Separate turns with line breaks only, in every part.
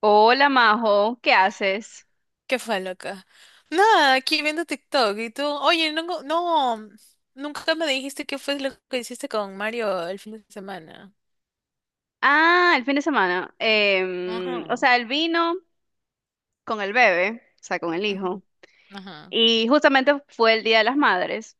Hola Majo, ¿qué haces?
¿Qué fue, loca? Nada, aquí viendo TikTok y tú, oye, no, no, nunca me dijiste qué fue lo que hiciste con Mario el fin de semana.
Ah, el fin de semana.
Ajá,
El vino con el bebé, o sea, con el hijo.
ujú, ajá,
Y justamente fue el Día de las Madres.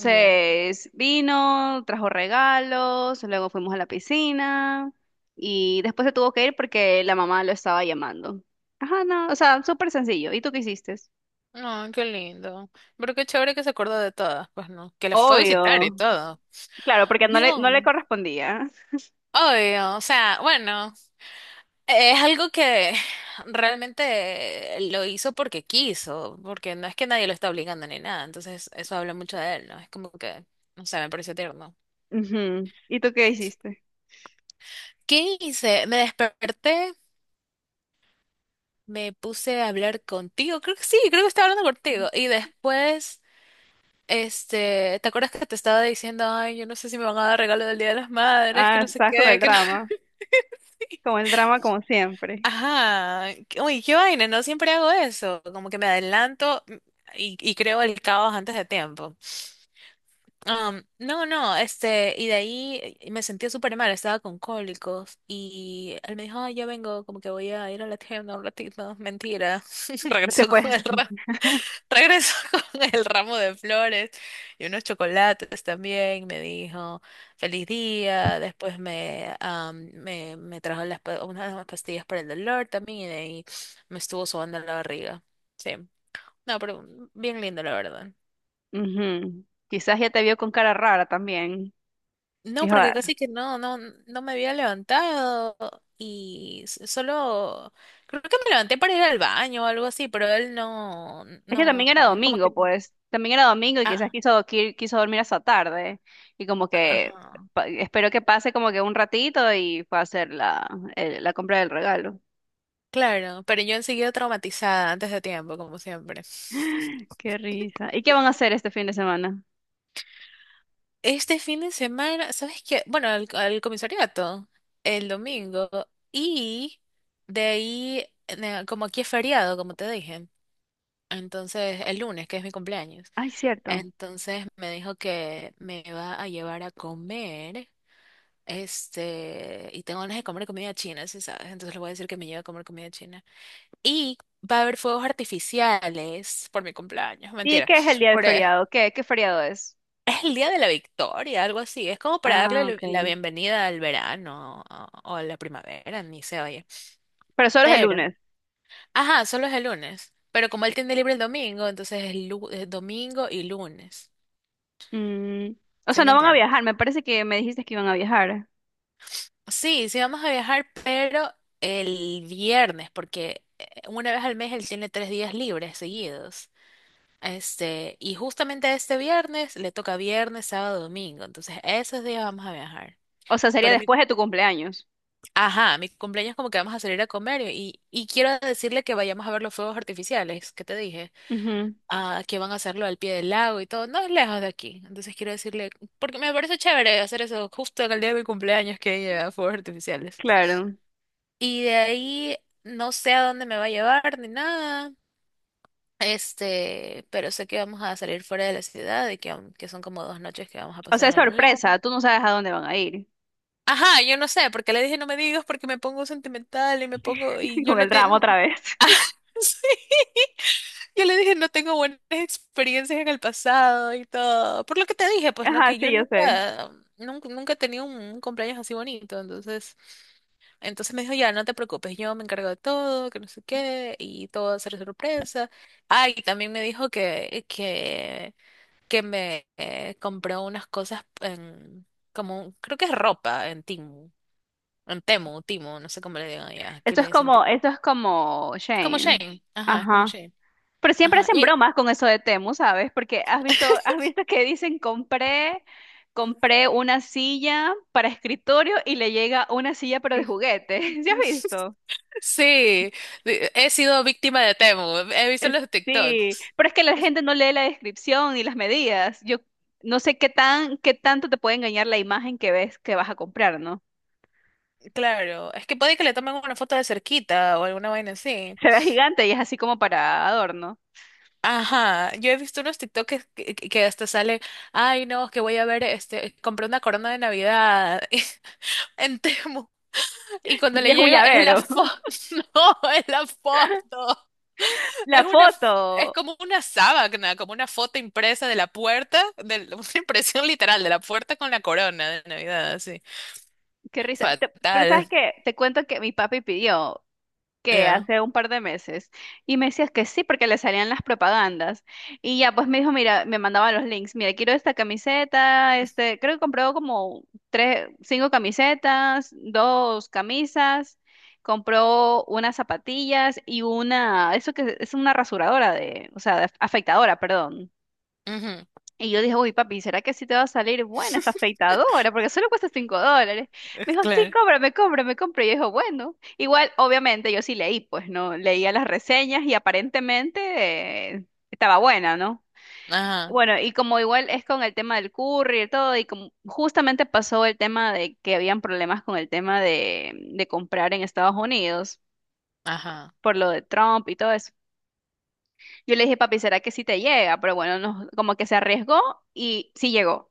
ya.
vino, trajo regalos, luego fuimos a la piscina y después se tuvo que ir porque la mamá lo estaba llamando. Ajá, no, o sea, súper sencillo. ¿Y tú qué hiciste?
No, qué lindo. Pero qué chévere que se acordó de todas, pues no, que la fue a visitar y
Obvio.
todo.
Claro, porque no le, no
Yo.
le correspondía.
Obvio, o sea, bueno, es algo que realmente lo hizo porque quiso, porque no es que nadie lo está obligando ni nada, entonces eso habla mucho de él, ¿no? Es como que, no sé, me pareció tierno.
Ujú. ¿Y tú qué hiciste?
¿Qué hice? Me desperté, me puse a hablar contigo, creo que sí, creo que estaba hablando contigo, y después, este, ¿te acuerdas que te estaba diciendo, ay, yo no sé si me van a dar regalo del Día de las Madres, que
Ah,
no sé
estás con
qué,
el
que no...
drama. Como el drama, como siempre.
Ajá, uy, qué vaina, no siempre hago eso, como que me adelanto y creo el caos antes de tiempo. No, no, este, y de ahí me sentía súper mal, estaba con cólicos y él me dijo, "Ay, ya vengo, como que voy a ir a la tienda un ratito, mentira,
Se
regresó
fue.
con el Regresó con el ramo de flores y unos chocolates también. Me dijo, feliz día. Después me trajo unas pastillas para el dolor también y de ahí me estuvo sobando la barriga. Sí. No, pero bien lindo, la verdad.
Ujú. Quizás ya te vio con cara rara también.
No,
Dijo,
porque
"Ah".
casi que no, no, no me había levantado y solo creo que me levanté para ir al baño o algo así, pero él no,
Es que también
no,
era
como que,
domingo, pues. También era domingo y quizás
ah,
quiso dormir hasta tarde. Y como que
ajá.
esperó que pase como que un ratito y fue a hacer la compra del regalo.
Claro, pero yo enseguida traumatizada antes de tiempo, como siempre.
Qué risa. ¿Y qué van a hacer este fin de semana?
Este fin de semana, ¿sabes qué? Bueno, al comisariato, el domingo, y de ahí, como aquí es feriado, como te dije, entonces el lunes, que es mi cumpleaños,
Ay, cierto.
entonces me dijo que me va a llevar a comer, este, y tengo ganas de comer comida china, si sabes, entonces le voy a decir que me lleve a comer comida china. Y va a haber fuegos artificiales por mi cumpleaños,
¿Y
mentira.
qué es el día de
Por, eh,
feriado? ¿¿Qué feriado es?
es el día de la victoria, algo así. Es como para darle
Ah,
la
ok.
la bienvenida al verano o a la primavera, ni se oye.
Pero solo es el
Pero,
lunes.
ajá, solo es el lunes. Pero como él tiene libre el domingo, entonces es domingo y lunes.
Mm. O
¿Sí
sea,
me
no van a
entienden?
viajar. Me parece que me dijiste que iban a viajar.
Sí, sí vamos a viajar, pero el viernes, porque una vez al mes él tiene 3 días libres seguidos. Este, y justamente este viernes le toca viernes, sábado, domingo. Entonces, esos días vamos a viajar.
O sea, sería
Pero mi,
después de tu cumpleaños.
ajá, mi cumpleaños como que vamos a salir a comer y quiero decirle que vayamos a ver los fuegos artificiales, que te dije,
Ujú,
que van a hacerlo al pie del lago y todo, no es lejos de aquí. Entonces quiero decirle, porque me parece chévere hacer eso justo en el día de mi cumpleaños que lleva fuegos artificiales.
claro.
Y de ahí no sé a dónde me va a llevar ni nada. Este, pero sé que vamos a salir fuera de la ciudad y que son como 2 noches que vamos a
O
pasar
sea, es
en algún lado.
sorpresa, tú no sabes a dónde van a ir.
Ajá, yo no sé, porque le dije no me digas porque me pongo sentimental y me pongo y yo
Con
no
el
tengo...
drama otra vez.
Ah, sí. Yo le dije no tengo buenas experiencias en el pasado y todo. Por lo que te dije, pues no,
Ajá,
que
sí,
yo
yo sé.
nunca, nunca, nunca he tenido un cumpleaños así bonito, entonces... Entonces me dijo, ya, no te preocupes, yo me encargo de todo, que no sé qué, y todo va a ser sorpresa. Ah, y también me dijo que me compró unas cosas en, como, creo que es ropa en Timu, en Temu, Timu, no sé cómo le digan allá, aquí le dicen Timu.
Esto es como
Es como
Shane.
Shane, ajá, es como
Ajá.
Shane,
Pero siempre
ajá.
hacen
Y...
bromas con eso de Temu, ¿sabes? Porque has visto, has visto que dicen compré una silla para escritorio y le llega una silla pero de juguete. ¿Sí has visto?
Sí, he sido víctima de Temu, he visto
Eh,
los
Sí,
TikToks.
pero es que la gente no lee la descripción ni las medidas. Yo no sé qué tanto te puede engañar la imagen que ves que vas a comprar, ¿no?
Claro, es que puede que le tomen una foto de cerquita o alguna vaina así.
Se ve gigante y es así como para adorno.
Ajá, yo he visto unos TikToks que hasta sale, ay no, que voy a ver, este, compré una corona de Navidad en Temu y cuando
Y
le
es un
llega es la
llavero.
foto, no, es la foto,
La
es
foto.
como una sábana, como una foto impresa de la puerta, de, una impresión literal de la puerta con la corona de Navidad, así,
Qué risa. Te- pero
fatal,
sabes qué, te cuento que mi papi pidió. Que
ya,
hace un par de meses y me decías que sí porque le salían las propagandas y ya pues me dijo, mira, me mandaba los links, mira, quiero esta camiseta, este, creo que compró como tres, cinco camisetas, dos camisas, compró unas zapatillas y una, eso que es una rasuradora de, o sea, de afeitadora, perdón.
ujú,
Y yo dije, uy, papi, ¿será que sí te va a salir buena esa afeitadora? Porque solo cuesta $5. Me dijo, sí,
Claro.
cómprame, cómprame, cómprame. Y yo dije, bueno, igual, obviamente, yo sí leí, pues, ¿no? Leía las reseñas y aparentemente estaba buena, ¿no?
Ajá,
Bueno, y como igual es con el tema del curry y todo, y como justamente pasó el tema de que habían problemas con el tema de comprar en Estados Unidos
ajá,
por lo de Trump y todo eso. Yo le dije, papi, ¿será que sí te llega? Pero bueno, no, como que se arriesgó y sí llegó.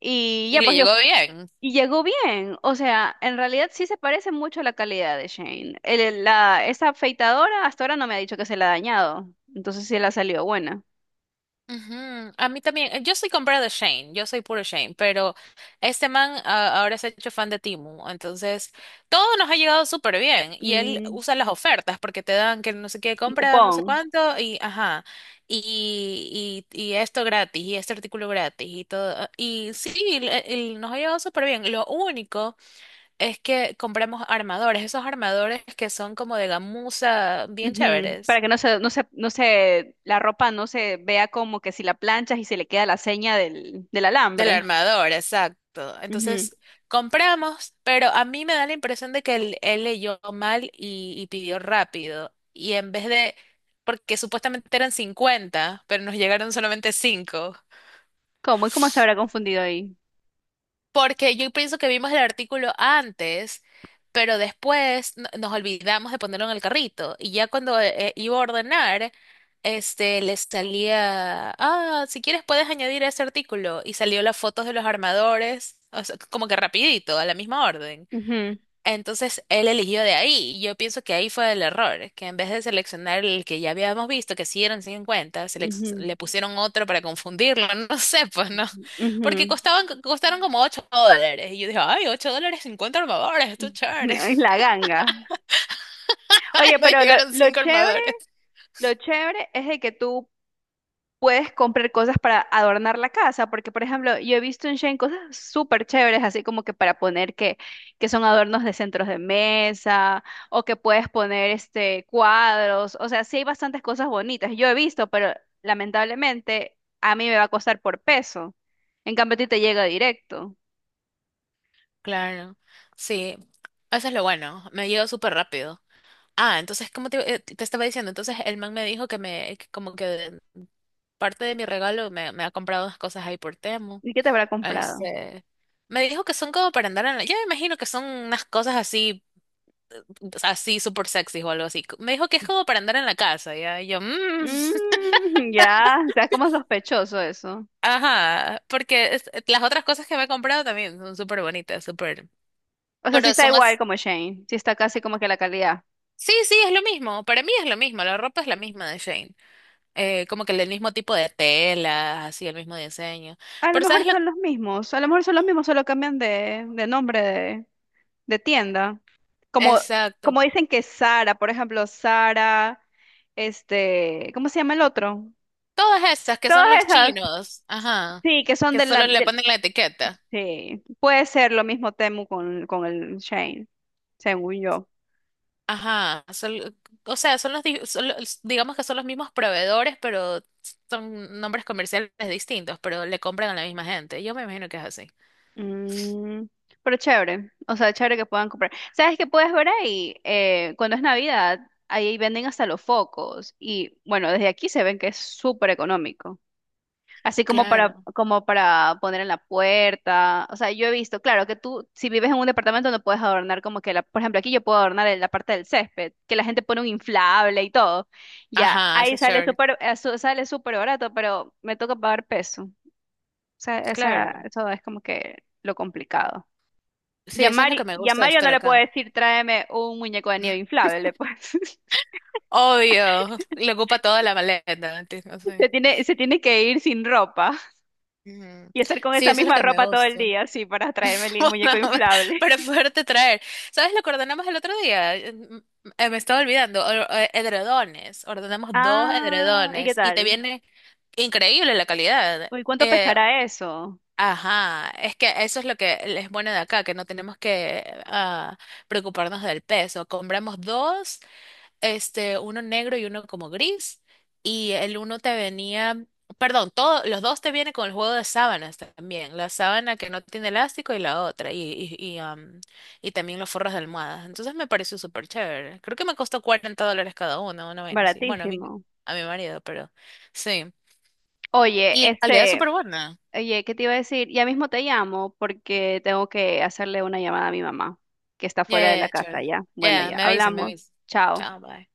Y
y
ya,
le
pues yo,
llegó bien.
y llegó bien. O sea, en realidad sí se parece mucho a la calidad de Shane. Esa afeitadora hasta ahora no me ha dicho que se la ha dañado. Entonces sí le ha salido buena.
Ujú, a mí también, yo soy comprada de Shane, yo soy puro Shane, pero este man ahora se ha hecho fan de Timu entonces todo nos ha llegado súper bien y él
Mm,
usa las ofertas porque te dan que no sé qué
un
compra, no sé
cupón.
cuánto y ajá, y esto gratis y este artículo gratis y todo, y sí, nos ha llegado súper bien, lo único es que compramos armadores, esos armadores que son como de gamuza bien
Ujú.
chéveres.
Para que la ropa no se vea como que si la planchas y se le queda la seña del, del
Del
alambre.
armador, exacto.
Ujú.
Entonces compramos, pero a mí me da la impresión de que él leyó mal y pidió rápido. Y en vez de, porque supuestamente eran 50, pero nos llegaron solamente 5.
¿Cómo? ¿Y cómo se habrá confundido ahí?
Porque yo pienso que vimos el artículo antes, pero después nos olvidamos de ponerlo en el carrito. Y ya cuando iba a ordenar, este, le salía, ah, si quieres puedes añadir ese artículo. Y salió las fotos de los armadores, o sea, como que rapidito, a la misma orden.
Ujú,
Entonces él eligió de ahí. Y yo pienso que ahí fue el error, que en vez de seleccionar el que ya habíamos visto, que sí eran 50,
ujú,
le pusieron otro para confundirlo. No sé, pues no.
ujú, ujú.
Porque costaron como $8. Y yo dije, ay, $8, 50 armadores, esto es chévere.
Ay, la ganga.
Ay,
Oye,
me
pero lo,
llegaron
lo
5
chévere.
armadores.
Lo chévere es de que tú puedes comprar cosas para adornar la casa, porque por ejemplo, yo he visto en Shein cosas súper chéveres, así como que para poner que son adornos de centros de mesa, o que puedes poner este cuadros, o sea, sí hay bastantes cosas bonitas, yo he visto, pero lamentablemente a mí me va a costar por peso. En cambio, a ti te llega directo.
Claro, sí. Eso es lo bueno. Me llegó súper rápido. Ah, entonces, como te estaba diciendo, entonces el man me dijo que como que parte de mi regalo me ha comprado unas cosas ahí por Temu.
¿Y qué te habrá comprado?
Este, me dijo que son como para andar en la... Yo me imagino que son unas cosas así, así súper sexy o algo así. Me dijo que es como para andar en la casa, ¿ya? Y yo, "Mm,
Mm. Ya, está como sospechoso eso.
ajá, porque las otras cosas que me he comprado también son súper bonitas, súper...
O sea, sí
Pero
está
son
igual
as-
como Shane, sí está casi como que la calidad.
Sí, sí, es lo mismo. Para mí es lo mismo. La ropa es la misma de Shane. Como que el mismo tipo de tela, así, el mismo diseño.
A lo
Pero
mejor
¿sabes lo?
son los mismos, a lo mejor son los mismos, solo cambian de nombre de tienda. Como,
Exacto.
como dicen que Sara, por ejemplo, Sara, este, ¿cómo se llama el otro?
Todas esas que
Todas
son los
esas,
chinos, ajá,
sí, que son
que solo le ponen la etiqueta.
sí, puede ser lo mismo Temu con el Shane, según yo.
Ajá, o sea, son los, di- son los- digamos que son los mismos proveedores, pero son nombres comerciales distintos, pero le compran a la misma gente. Yo me imagino que es así.
Mm, pero chévere, o sea, chévere que puedan comprar. ¿Sabes qué puedes ver ahí? Cuando es Navidad, ahí venden hasta los focos y bueno, desde aquí se ven que es súper económico. Así como para,
Claro.
como para poner en la puerta. O sea, yo he visto, claro, que tú, si vives en un departamento, no puedes adornar como que la, por ejemplo, aquí yo puedo adornar en la parte del césped, que la gente pone un inflable y todo. Ya,
Ajá, eso
ahí
es
sale
chévere.
súper, sale súper barato, pero me toca pagar peso. O sea, esa,
Claro.
eso es como que lo complicado. Y
Sí,
a
eso es lo
Mari-
que me
y a
gusta de
Mario
estar
no le puedo
acá.
decir, tráeme un muñeco de nieve inflable, pues.
Obvio, le ocupa toda la maleta. ¿Entiendes? Sí,
Se tiene que ir sin ropa
ujú.
y estar con
Sí,
esa
eso es lo
misma
que me
ropa todo el
gusta.
día, sí, para traerme el muñeco inflable.
Para poderte traer. ¿Sabes lo que ordenamos el otro día? Me estaba olvidando. Edredones. Ordenamos dos
Ah, ¿y qué
edredones y te
tal?
viene increíble la calidad.
Uy, ¿cuánto
Eh,
pesará eso?
ajá. Es que eso es lo que es bueno de acá, que no tenemos que preocuparnos del peso. Compramos dos este, uno negro y uno como gris, y el uno te venía, perdón, todo, los dos te vienen con el juego de sábanas también, la sábana que no tiene elástico y la otra, y, y, am, y también los forros de almohadas. Entonces me pareció súper chévere. Creo que me costó $40 cada uno, una vaina así. Bueno, a mí no,
Baratísimo.
a mi marido, pero sí.
Oye,
Y la calidad es súper
este,
buena.
oye, ¿qué te iba a decir? Ya mismo te llamo porque tengo que hacerle una llamada a mi mamá, que está
Yeah,
fuera de
yeah, yeah,
la casa
chévere.
ya. Bueno,
Yeah,
ya,
me avisan, me
hablamos.
avisan.
Chao.
Chao, bye.